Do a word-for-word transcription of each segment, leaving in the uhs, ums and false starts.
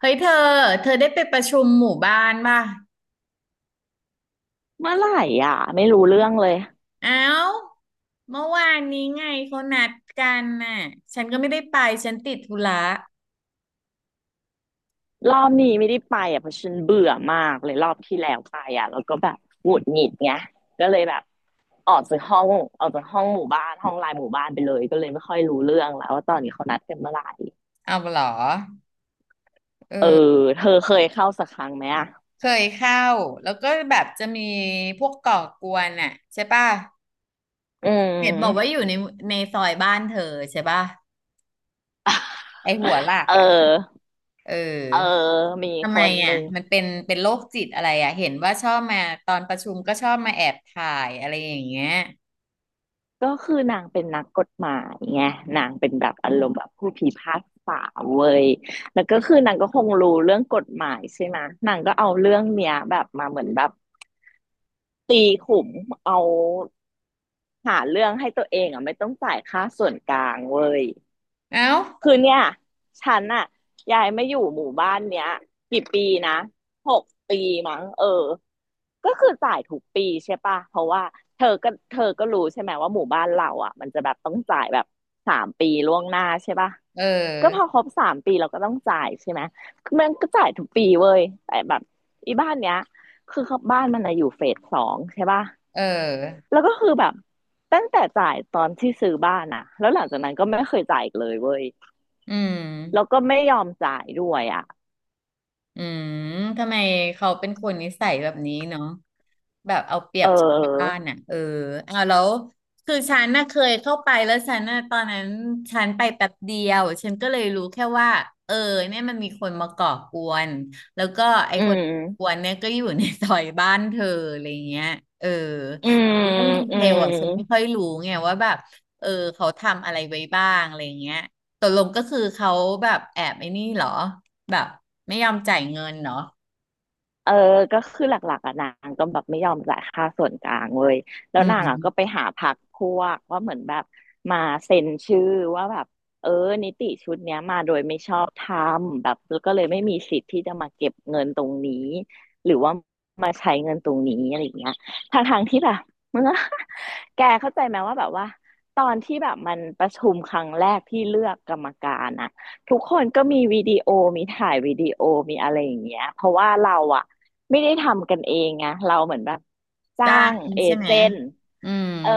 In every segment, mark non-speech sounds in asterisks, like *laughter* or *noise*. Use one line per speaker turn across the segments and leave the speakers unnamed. เฮ้ยเธอเธอได้ไปประชุมหมู่บ้านป่ะ
เมื่อไหร่อ่ะไม่รู้เรื่องเลย
เอ้าเมื่อวานนี้ไงเขานัดกันน่ะฉันก็ไม่ได้ไปฉันติดธุระ
รอบนี้ไม่ได้ไปอ่ะเพราะฉันเบื่อมากเลยรอบที่แล้วไปอ่ะแล้วก็แบบหงุดหงิดไงก็เลยแบบออกจากห้องออกจากห้องหมู่บ้านห้องไลน์หมู่บ้านไปเลยก็เลยไม่ค่อยรู้เรื่องแล้วว่าตอนนี้เขานัดกันเมื่อไหร่
เอาเหรอ
เออ
เออ
เธอเคยเข้าสักครั้งไหมอ่ะ
เคยเข้าแล้วก็แบบจะมีพวกก่อกวนน่ะใช่ป่ะ
อื
เห็นบอกว่าอ
ม
ยู่ในในซอยบ้านเธอใช่ป่ะไอหัวลาก
เอ
อ่ะ
อ
เออ
เออมี
ทำ
ค
ไม
นห
อ่ะ
นึ่ง
มันเป็นเป็นโรคจิตอะไรอ่ะเห็นว่าชอบมาตอนประชุมก็ชอบมาแอบถ่ายอะไรอย่างเงี้ย
ก็คือนางเป็นนักกฎหมายไงนางเป็นแบบอารมณ์แบบผู้พิพากษาเว้ยแล้วก็คือนางก็คงรู้เรื่องกฎหมายใช่ไหมนางก็เอาเรื่องเนี้ยแบบมาเหมือนแบบตีขุมเอาหาเรื่องให้ตัวเองอ่ะไม่ต้องจ่ายค่าส่วนกลางเว้ย
เอ้า
คือเนี่ยฉันอะยายไม่อยู่หมู่บ้านเนี้ยกี่ปีนะหกปีมั้งเออก็คือจ่ายทุกปีใช่ปะเพราะว่าเธอก็เธอก็รู้ใช่ไหมว่าหมู่บ้านเราอะมันจะแบบต้องจ่ายแบบสามปีล่วงหน้าใช่ปะ
เอ
ก็พอ
อ
ครบสามปีเราก็ต้องจ่ายใช่ไหมมันก็จ่ายทุกปีเว้ยแต่แบบอีบ้านเนี้ยคือเขาบ้านมันอะอยู่เฟสสองใช่ปะ
เออ
แล้วก็คือแบบตั้งแต่จ่ายตอนที่ซื้อบ้านอะแล้วหลังจากนั้นก็ไม่เคยจ่ายอีกเลยเว้ย
อืม
แล้วก็ไม่ยอมจ่ายด้วยอ่ะ
อืมทำไมเขาเป็นคนนิสัยแบบนี้เนาะแบบเอาเปรี
เ
ยบชาวบ้า
ออ
นอ่ะเออเอาแล้วคือฉันน่ะเคยเข้าไปแล้วฉันน่ะตอนนั้นฉันไปแป๊บเดียวฉันก็เลยรู้แค่ว่าเออเนี่ยมันมีคนมาก่อกวนแล้วก็ไอ้
อื
คนกว
ม
นเนี่ยก็อยู่ในซอยบ้านเธออะไรเงี้ยเออ
อืม
เรื่องดี
อื
เทล
ม
อ่ะฉันไม่ค่อยรู้ไงว่าแบบเออเขาทำอะไรไว้บ้างอะไรเงี้ยตกลงก็คือเขาแบบแอบไอ้นี่เหรอ แบบไม่ยอมจ่ายเงินเนาะ
เออก็คือหลักๆอ่ะนางก็แบบไม่ยอมจ่ายค่าส่วนกลางเว้ยแล้
อื
วนางอ่ะก็ไป
ม
หาพรรคพวกว่าเหมือนแบบมาเซ็นชื่อว่าแบบเออนิติชุดเนี้ยมาโดยไม่ชอบธรรมแบบแล้วก็เลยไม่มีสิทธิ์ที่จะมาเก็บเงินตรงนี้หรือว่ามาใช้เงินตรงนี้อะไรอย่างเงี้ยทางทางๆที่แบบมันก็ *laughs* แกเข้าใจไหมว่าแบบว่าตอนที่แบบมันประชุมครั้งแรกที่เลือกกรรมการอะ ทุกคนก็มีวิดีโอมีถ่ายวิดีโอมีอะไรอย่างเงี้ยเพราะว่าเราอะไม่ได้ทำกันเองไงเราเหมือนแบบจ้า
จ้าง
งเอ
ใช่ไหม
เจนต์
อืม
เออ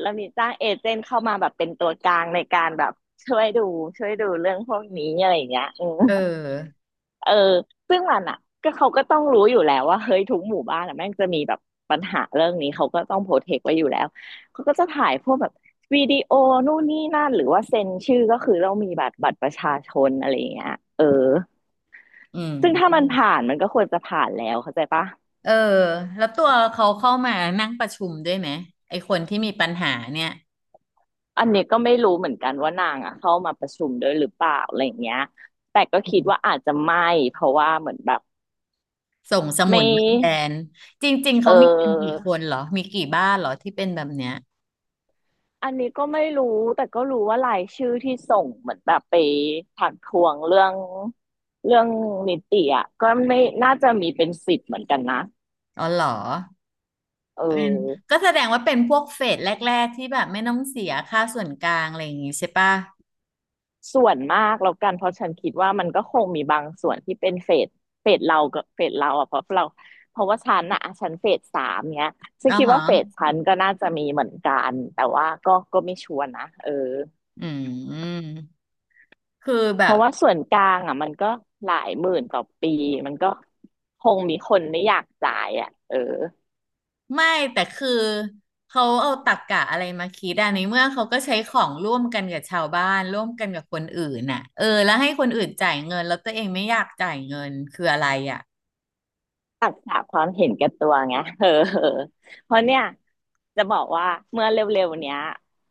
เรามีจ้างเอเจนต์เข้ามาแบบเป็นตัวกลางในการแบบช่วยดูช่วยดูเรื่องพวกนี้อะไรอย่างเงี้ยอืม
เออ
เออซึ่งมันอ่ะก็เขาก็ต้องรู้อยู่แล้วว่าเฮ้ยทุกหมู่บ้านอ่ะแม่งจะมีแบบปัญหาเรื่องนี้เขาก็ต้องโปรเทคไว้อยู่แล้วเขาก็จะถ่ายพวกแบบวิดีโอนู่นนี่นั่นหรือว่าเซ็นชื่อก็คือเรามีบัตรบัตรประชาชนอะไรอย่างเงี้ยเออ
อื
ซึ่งถ้ามัน
ม
ผ่านมันก็ควรจะผ่านแล้วเข้าใจปะ
เออแล้วตัวเขาเข้ามานั่งประชุมด้วยไหมไอคนที่มีปัญหาเนี่ย
อันนี้ก็ไม่รู้เหมือนกันว่านางอ่ะเข้ามาประชุมด้วยหรือเปล่าอะไรอย่างเงี้ยแต่ก็
อื
คิด
ม
ว่าอาจจะไม่เพราะว่าเหมือนแบบ
ส่งสมุ
ไม่
นมาแทนจริงๆ
เ
เขามีกันกี่
ออ
คนเหรอมีกี่บ้านเหรอที่เป็นแบบเนี้ย
อันนี้ก็ไม่รู้แต่ก็รู้ว่ารายชื่อที่ส่งเหมือนแบบไปถักทวงเรื่องเรื่องนิติอ่ะก็ไม่น่าจะมีเป็นสิบเหมือนกันนะ
อ๋อเหรอ
เออ
ก็แสดงว่าเป็นพวกเฟสแรกๆที่แบบไม่ต้องเสียค่าส่วนกลางอะไรอย่างงี้ใช่ปะ
ส่วนมากแล้วกันเพราะฉันคิดว่ามันก็คงมีบางส่วนที่เป็นเฟสเฟสเรากับเฟสเราอ่ะเพราะเราเพราะว่าฉันอ่ะฉันเฟสสามเนี้ยฉั
อ๋
น
อ
คิด
ฮะ
ว่าเฟสฉันก็น่าจะมีเหมือนกันแต่ว่าก็ก็ไม่ชัวร์นะเออ
อืมคือ
เพ
แบบ
ราะว่าส่วนกลางอ่ะมันก็หลายหมื่นต่อปีมันก็คงมีคนไม่อยากจ่ายอ่ะเออ
ไม่แต่คือเขาเอาตรรกะอะไรมาคิดอ่ะในเมื่อเขาก็ใช้ของร่วมกันกับชาวบ้านร่วมกันกับคนอื่นน่ะเออแล้วให้คนอื่นจ่ายเงินแล้วตัวเองไม่อยากจ่ายเงินคืออะไรอ่ะ
ตักษะความเห็นแก่ตัวไงเออเออเพราะเนี่ยจะบอกว่าเมื่อเร็วๆเนี้ย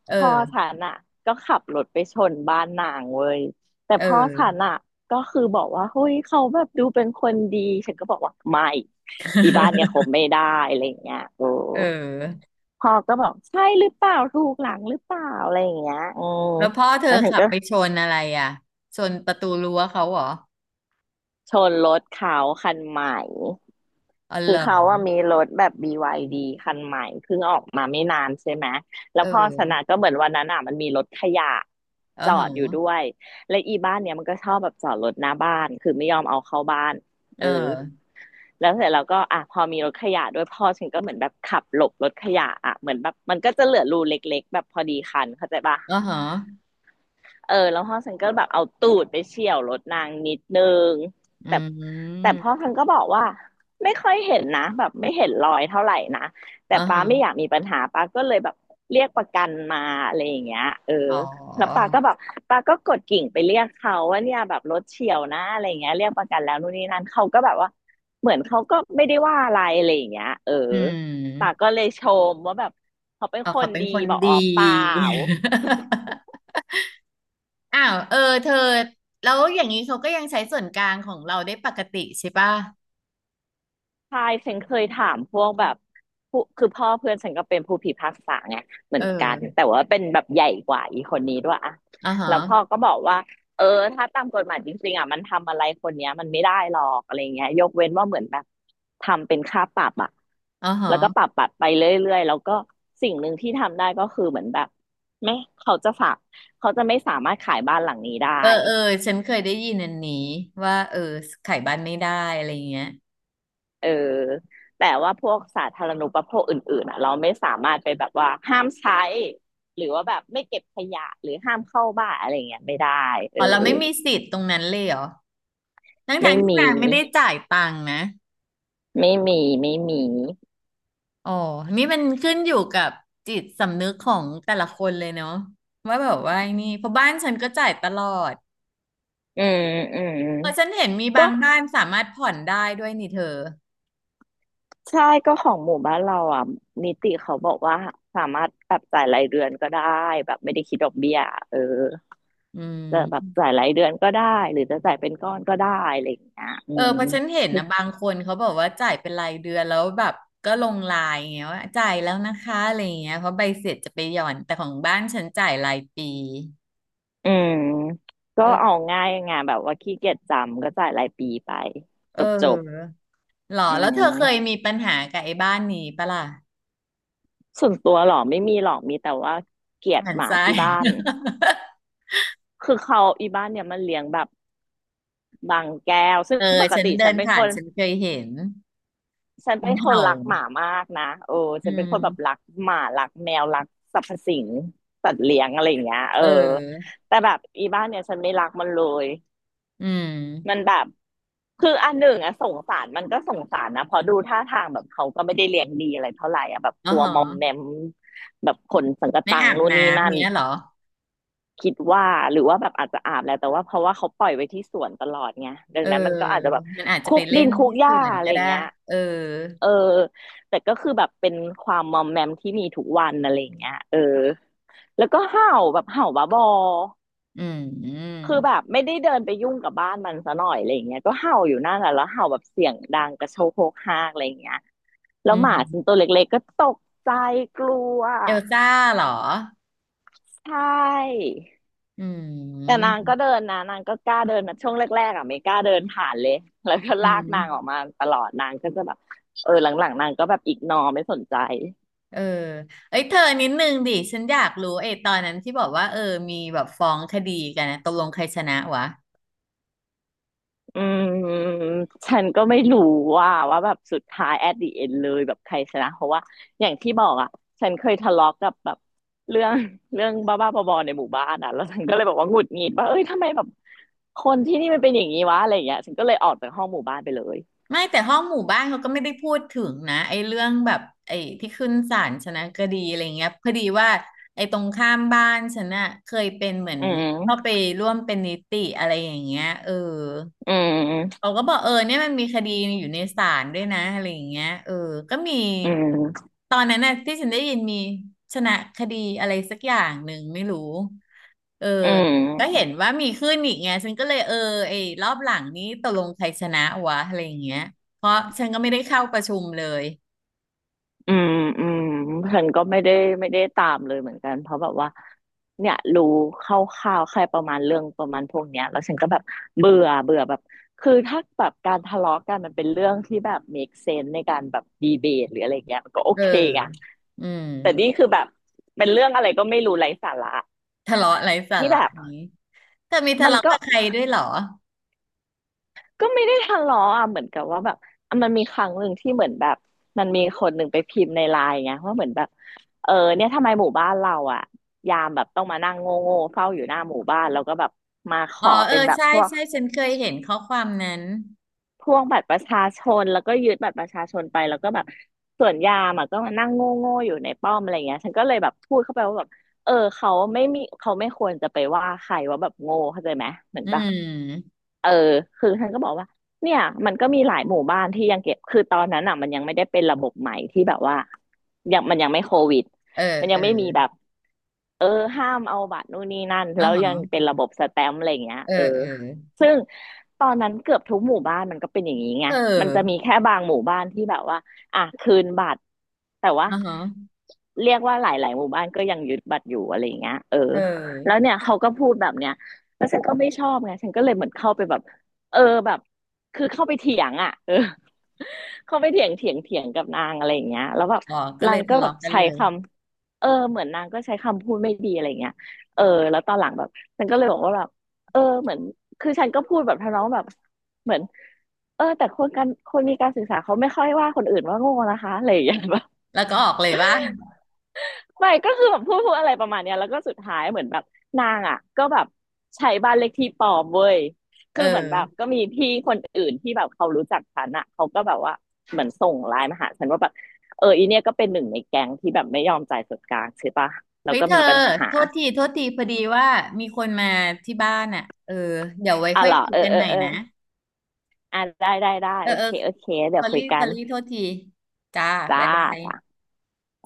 เอ
พ่อฉั
อ
นอ่ะก็ขับรถไปชนบ้านนางเว้ยแต่
เออ
พ่อฉันอ่ะก็คือบอกว่าเฮ้ยเขาแบบดูเป็นคนดีฉันก็บอกว่าไม่อีบ้านเนี่ยคบ
*laughs*
ไม่ได้อะไรอย่างเงี้ยโอ้
เออ
พ่อก็บอกใช่หรือเปล่าถูกหลังหรือเปล่าอะไรอย่างเงี้ยอืม
แล้วพ่อเธอ
แล้วฉัน
ขับ
ก็
ไปชนอะไรอ่ะชนประตูรั้วเขาเหรอ
ชนรถเขาคันใหม่
อ๋อเหร
คือเขา
อ
ว่ามีรถแบบ บี วาย ดี คันใหม่เพิ่งออกมาไม่นานใช่ไหม
เ
แล้วพ่อชนะ
ออ
ก็เหมือนวันนั้นอ่ะมันมีรถขยะ
เออ
จ
เห
อ
รอ
ดอยู่ด้วยและอีบ้านเนี้ยมันก็ชอบแบบจอดรถหน้าบ้านคือไม่ยอมเอาเข้าบ้าน
เอ
เออ
อ
แล้วเสร็จแล้วก็อ่ะพอมีรถขยะด้วยพ่อฉันก็เหมือนแบบขับหลบรถขยะอ่ะเหมือนแบบมันก็จะเหลือรูเล็กๆแบบพอดีคันเข้าใจปะ
เออเหรอ
เออแล้วพ่อฉันก็แบบเอาตูดไปเฉี่ยวรถนางนิดนึง
อื
แต่แต่
ม
พ่อฉันก็บอกว่าไม่ค่อยเห็นนะแบบไม่เห็นรอยเท่าไหร่นะ
เอ
แต่
อเหร
ป้าไม่อ
อ
ยากมีปัญหาป้าก็เลยแบบเรียกประกันมาอะไรอย่างเงี้ยเออ
อ๋อ
แล้วป้าก็แบบป้าก็กดกิ่งไปเรียกเขาว่าเนี่ยแบบรถเฉี่ยวนะอะไรอย่างเงี้ยเรียกประกันแล้วนู่นนี่นั่นเขาก็แบบว่าเหมือนเขาก็ไม่ได้ว่าอะไรอะไรอย่างเงี้ยเออ
อื
ป้า
ม
ก็เลยชมว่าแบบเขาเป็น
อ๋อ
ค
เขา
น
เป็น
ดี
คน
บอกอ๋อ
ดี
เปล่า
*laughs* อ้าวเออเธอแล้วอย่างนี้เขาก็ยังใช้ส่วนกลางของเราได้ปกติใช่ป่ะ
ใช่ฉันเคยถามพวกแบบผู้คือพ่อเพื่อนฉันก็เป็นผู้พิพากษาไงเหมื
เอ
อ
อ
นกันแต่ว่าเป็นแบบใหญ่กว่าอีคนนี้ด้วยอะ
อ่าฮะ
แล้วพ่อก็บอกว่าเออถ้าตามกฎหมายจริงๆอ่ะมันทำอะไรคนเนี้ยมันไม่ได้หรอกอะไรเงี้ยยกเว้นว่าเหมือนแบบทำเป็นค่าปรับอะ
อ่า
แล้วก็ปรั
ฮะ
บปรับไปเรื่อยๆแล้วก็สิ่งหนึ่งที่ทำได้ก็คือเหมือนแบบไม่เขาจะฝากเขาจะไม่สามารถขายบ้านหลังนี้ได้
เออเออฉันเคยได้ยินอันนี้ว่าเออขายบ้านไม่ได้อะไรเงี้ย
เออแต่ว่าพวกสาธารณูปโภคอื่นๆอ่ะเราไม่สามารถไปแบบว่าห้ามใช้หรือว่าแบบไม่เก็บขยะหรือห้ามเข้าบ้านอะไรเงี้ยไม่ได้เอ
อ๋
อ
อเราไม่มีสิทธิ์ตรงนั้นเลยเหรอทั้งทา
ไม่
งที่
มี
นางไม่ได้จ่ายตังค์นะ
ไม่มีไม่มี
อ๋อนี่มันขึ้นอยู่กับจิตสำนึกของแต่ละคนเลยเนาะว่าแบบว่าไอ้นี่เพราะบ้านฉันก็จ่ายตลอด
อืมอืม
เออฉันเห็นมีบา
ก็
งบ้านสามารถผ่อนได้ด้วยนี่เธอ
ใช่ก็ของหมู่บ้านเราอ่ะนิติเขาบอกว่าสามารถแบบจ่ายรายเดือนก็ได้แบบไม่ได้คิดดอกเบี้ยเออ
อื
จะแบบ
ม
จ่ายรายเดือนก็ได้หรือจะจ่ายเป็นก้อนก็ได้อะไรอย่างเงี้ยอื
เออเพ
ม
ราะฉันเห็นนะบางคนเขาบอกว่าจ่ายเป็นรายเดือนแล้วแบบก็ลงไลน์อย่างเงี้ยว่าจ่ายแล้วนะคะอะไรอย่างเงี้ยเพราะใบเสร็จจะไปหย่อนแต่ของบ้านฉันจ่ายรายปี
อืมก็เอา
เออ
ง่ายไงแบบว่าขี้เกียจจำก็จ่ายรายปีไป
เ
จบจบ
ออหรอ
อื
แล้วเธอเคย
ม
มีปัญหากับไอ้บ้านนี้ปะล่ะ
ส่วนตัวหรอไม่มีหรอกมีแต่ว่าเกลียด
หัน
หมา
ซ้าย
ที่บ้านคือเขาอีบ้านเนี่ยมันเลี้ยงแบบบางแก้วซึ่
*laughs*
ง
เออ
ปก
ฉัน
ติฉั
เดิ
น
น
เป็น
ผ่า
ค
น
น
ฉันเคยเห็น
ฉัน
มั
เป็
น
นคน
เห่า
รักหมามากนะโอ้
อื
ฉันเป็นคนแบบรั
ม
กหมารักแมวรักสรรพสิ่งสัตว์เลี้ยงอะไรอย่างเงี้ยเอ
เอ
อ
อ
แต่แบบอีบ้านเนี่ยฉันไม่รักมันเลย
อื
มัน
ม
แบบคืออันหนึ่งอะสงสารมันก็สงสารนะเพอดูท่าทางแบบเขาก็ไม่ได้เลี้ยงดีอะไรเท่าไหร่อะแบบ
อ๋อ
ตั
เ
วมอ
หร
ม
อ
แมมแบบขนสังกะ
ไม่
ตัง
อาบ
นู่นนี่นั่
น้ำ
น
เงี้ยเหรอ
คิดว่าหรือว่าแบบอาจจะอาบแล้วแต่ว่าเพราะว่าเขาปล่อยไว้ที่สวนตลอดไงดั
เอ
ง
อ
นั้นมันก็อาจจะแบบ
มันอาจจะ
คุ
ไป
ก
เล่
ดิ
น
นคุก
ที่
ห
ส
ญ้า
วน
อะไร
ก็
อย่า
ได้
งเงี้ย
เออ
เออแต่ก็คือแบบเป็นความมอมแมมที่มีทุกวันอะไรอย่างเงี้ยเออแล้วก็เห่าแบบเห่าบ้าบอ
อืม
คือแบบไม่ได้เดินไปยุ่งกับบ้านมันซะหน่อยอะไรอย่างเงี้ยก็เห่าอยู่นั่นแหละแล้วเห่าแบบเสียงดังกระโชกโฮกฮากอะไรอย่างเงี้ยแล้
อื
วหมาฉันตั
ม
วเล็กๆก็ตกใจกลัว
เอลซ่าเหรอ
ใช่
อื
แต่นา
ม
งก็เดินนะนางก็กล้าเดินนะช่วงแรกๆอ่ะไม่กล้าเดินผ่านเลยแล้วก็
อื
ลากนางออก
ม
มาตลอดนางก็จะแบบเออหลังๆนางก็แบบอีกนอไม่สนใจ
เออเอ้ยเธอนิดนึงดิ ฉันอยากรู้ไอ้ตอนนั้นที่บอกว่าเออ มีแบบฟ้องคดีกันนะตกลงใครชนะวะ
อืมฉันก็ไม่รู้ว่าว่าแบบสุดท้าย at the end เลยแบบใครชนะเพราะว่าอย่างที่บอกอ่ะฉันเคยทะเลาะกับแบบเรื่อง *laughs* เรื่องบ้าๆบอๆในหมู่บ้านอ่ะแล้วฉันก็เลยบอกว่าหงุดหงิดว่าเอ้ยทำไมแบบคนที่นี่มันเป็นอย่างนี้วะอะไรอย่างเงี้ยฉันก็เลยออกจากห้องหมู่บ้านไปเลย
ไม่แต่ห้องหมู่บ้านเขาก็ไม่ได้พูดถึงนะไอ้เรื่องแบบไอ้ที่ขึ้นศาลชนะคดีอะไรเงี้ยพอดีว่าไอ้ตรงข้ามบ้านฉันน่ะเคยเป็นเหมือน
อื
เข้า
ม
ไปร่วมเป็นนิติอะไรอย่างเงี้ยเออ
อืม
เขาก็บอกเออเนี่ยมันมีคดีอยู่ในศาลด้วยนะอะไรอย่างเงี้ยเออก็มี
อืม
ตอนนั้นน่ะที่ฉันได้ยินมีชนะคดีอะไรสักอย่างหนึ่งไม่รู้เออ
อื
ก็เห็
ม
นว่ามีขึ้นอีกไงฉันก็เลยเออไอ้รอบหลังนี้ตกลงใครชนะวะอะไรอย่างเงี้ยเพราะฉันก็ไม่ได้เข้าประชุมเลย
อืมอืมฉันก็ไม่ได้ไม่ได้ตามเลยเหมือนกันเพราะแบบว่าเนี่ยรู้คร่าวๆแค่ประมาณเรื่องประมาณพวกเนี้ยแล้วฉันก็แบบเบื่อเบื่อแบบคือถ้าแบบการทะเลาะกันมันเป็นเรื่องที่แบบ make sense ในการแบบดีเบตหรืออะไรเงี้ยมันก็โอ
เออ
เคอะ
อืม
แต่นี่คือแบบเป็นเรื่องอะไรก็ไม่รู้ไร้สาระ
ทะเลาะไร้สา
ที่
ระ
แบบ
นี้เธอมีทะ
มัน
เลาะ
ก็
กับใครด้วยเหรอ
ก็ไม่ได้ทะเลาะอ่ะเหมือนกับว่าแบบอ่ะมันมีครั้งหนึ่งที่เหมือนแบบมันมีคนหนึ่งไปพิมพ์ในไลน์ไงว่าเหมือนแบบเออเนี่ยทำไมหมู่บ้านเราอ่ะยามแบบต้องมานั่งโง่โง่เฝ้าอยู่หน้าหมู่บ้านแล้วก็แบบมาข
อ๋
อ
อเอ
เป็
อ
นแบบ
ใช่
พวก
ใช่ฉันเคยเห็นข้อความนั้น
พวกบัตรประชาชนแล้วก็ยึดบัตรประชาชนไปแล้วก็แบบส่วนยามอ่ะก็มานั่งโง่โง่อยู่ในป้อมอะไรเงี้ยฉันก็เลยแบบพูดเข้าไปว่าแบบเออเขาไม่มีเขาไม่ควรจะไปว่าใครว่าแบบโง่เข้าใจไหมเหมือน
อื
แบบ
ม
เออคือท่านก็บอกว่าเนี่ยมันก็มีหลายหมู่บ้านที่ยังเก็บคือตอนนั้นอ่ะมันยังไม่ได้เป็นระบบใหม่ที่แบบว่ายังมันยังไม่โควิด
เออ
มัน
เอ
ยัง
อ
ไม่มีแบบ เออห้ามเอาบัตรนู่นนี่นั่น
อ๋อ
แล้ว
ฮะ
ยังเป็นระบบสแตมป์อะไรอย่างเงี้ย
เออ
เออ
เออ
ซึ่งตอนนั้นเกือบทุกหมู่บ้านมันก็เป็นอย่างนี้ไง
เอ
มันจะมี
อ
แค่บางหมู่บ้านที่แบบว่าอ่ะคืนบัตรแต่ว่า
อ๋อฮะ
เรียกว่าหลายๆหมู่บ้านก็ยังยึดบัตรอยู่อะไรอย่างเงี้ยเออ
เอ
แล้ว
อ
เนี่ยเขาก็พูดแบบเนี้ยแล้วฉันก็ไม่ชอบไงฉันก็เลยเหมือนเข้าไปแบบเออแบบคือเข้าไปเถียงอ่ะเออเข้าไปเถียงเถียงเถียงกับนางอะไรอย่างเงี้ยแล้วแบบ
อ๋อก็เล
นา
ย
งก็
ทะ
แบ
เลาะ
บ
กัน
ใช้
เลย
คำ เออเหมือนนางก็ใช้คำพูดไม่ดีอะไรเงี้ยเออแล้วตอนหลังแบบฉันก็เลยบอกว่าแบบเออเหมือนคือฉันก็พูดแบบทำนองแบบเหมือนเออแต่คนการคนมีการศึกษาเขาไม่ค่อยว่าคนอื่นว่าโง่นะคะอะไรอย่างเงี้ย *laughs* แบบ
แล้วก็ออกเลยว่า
ไม่ก็คือแบบพูดพูดอะไรประมาณเนี้ยแล้วก็สุดท้ายเหมือนแบบนางอ่ะก็แบบใช้บ้านเลขที่ปลอมเว้ย
เออ
คือเหมือนแบบก็มีพี่คนอื่นที่แบบเขารู้จักฉันอ่ะเขาก็แบบว่าเหมือนส่งไลน์มาหาฉันว่าแบบเอออีเนี่ยก็เป็นหนึ่งในแก๊งที่แบบไม่ยอมจ่ายส่วนกลางใช่ปะแล้
เฮ้
ว
ย
ก็
เธอ
มีปัญหา
โทษทีโทษทีพอดีว่ามีคนมาที่บ้านอ่ะเออเดี๋ยวไว้
อ่ะ
ค่อย
เหรอ
คุย
เออ
กัน
เออ
ใหม่
เออ
นะ
อ่ะได้ได้ได้
เออ
โอ
เออ
เคโอเคเดี๋
ส
ย
อ
วคุ
รี่
ย
ส
กั
อ
น
รี่โทษทีจ้า
จ้า
บ๊ายบาย
จ้า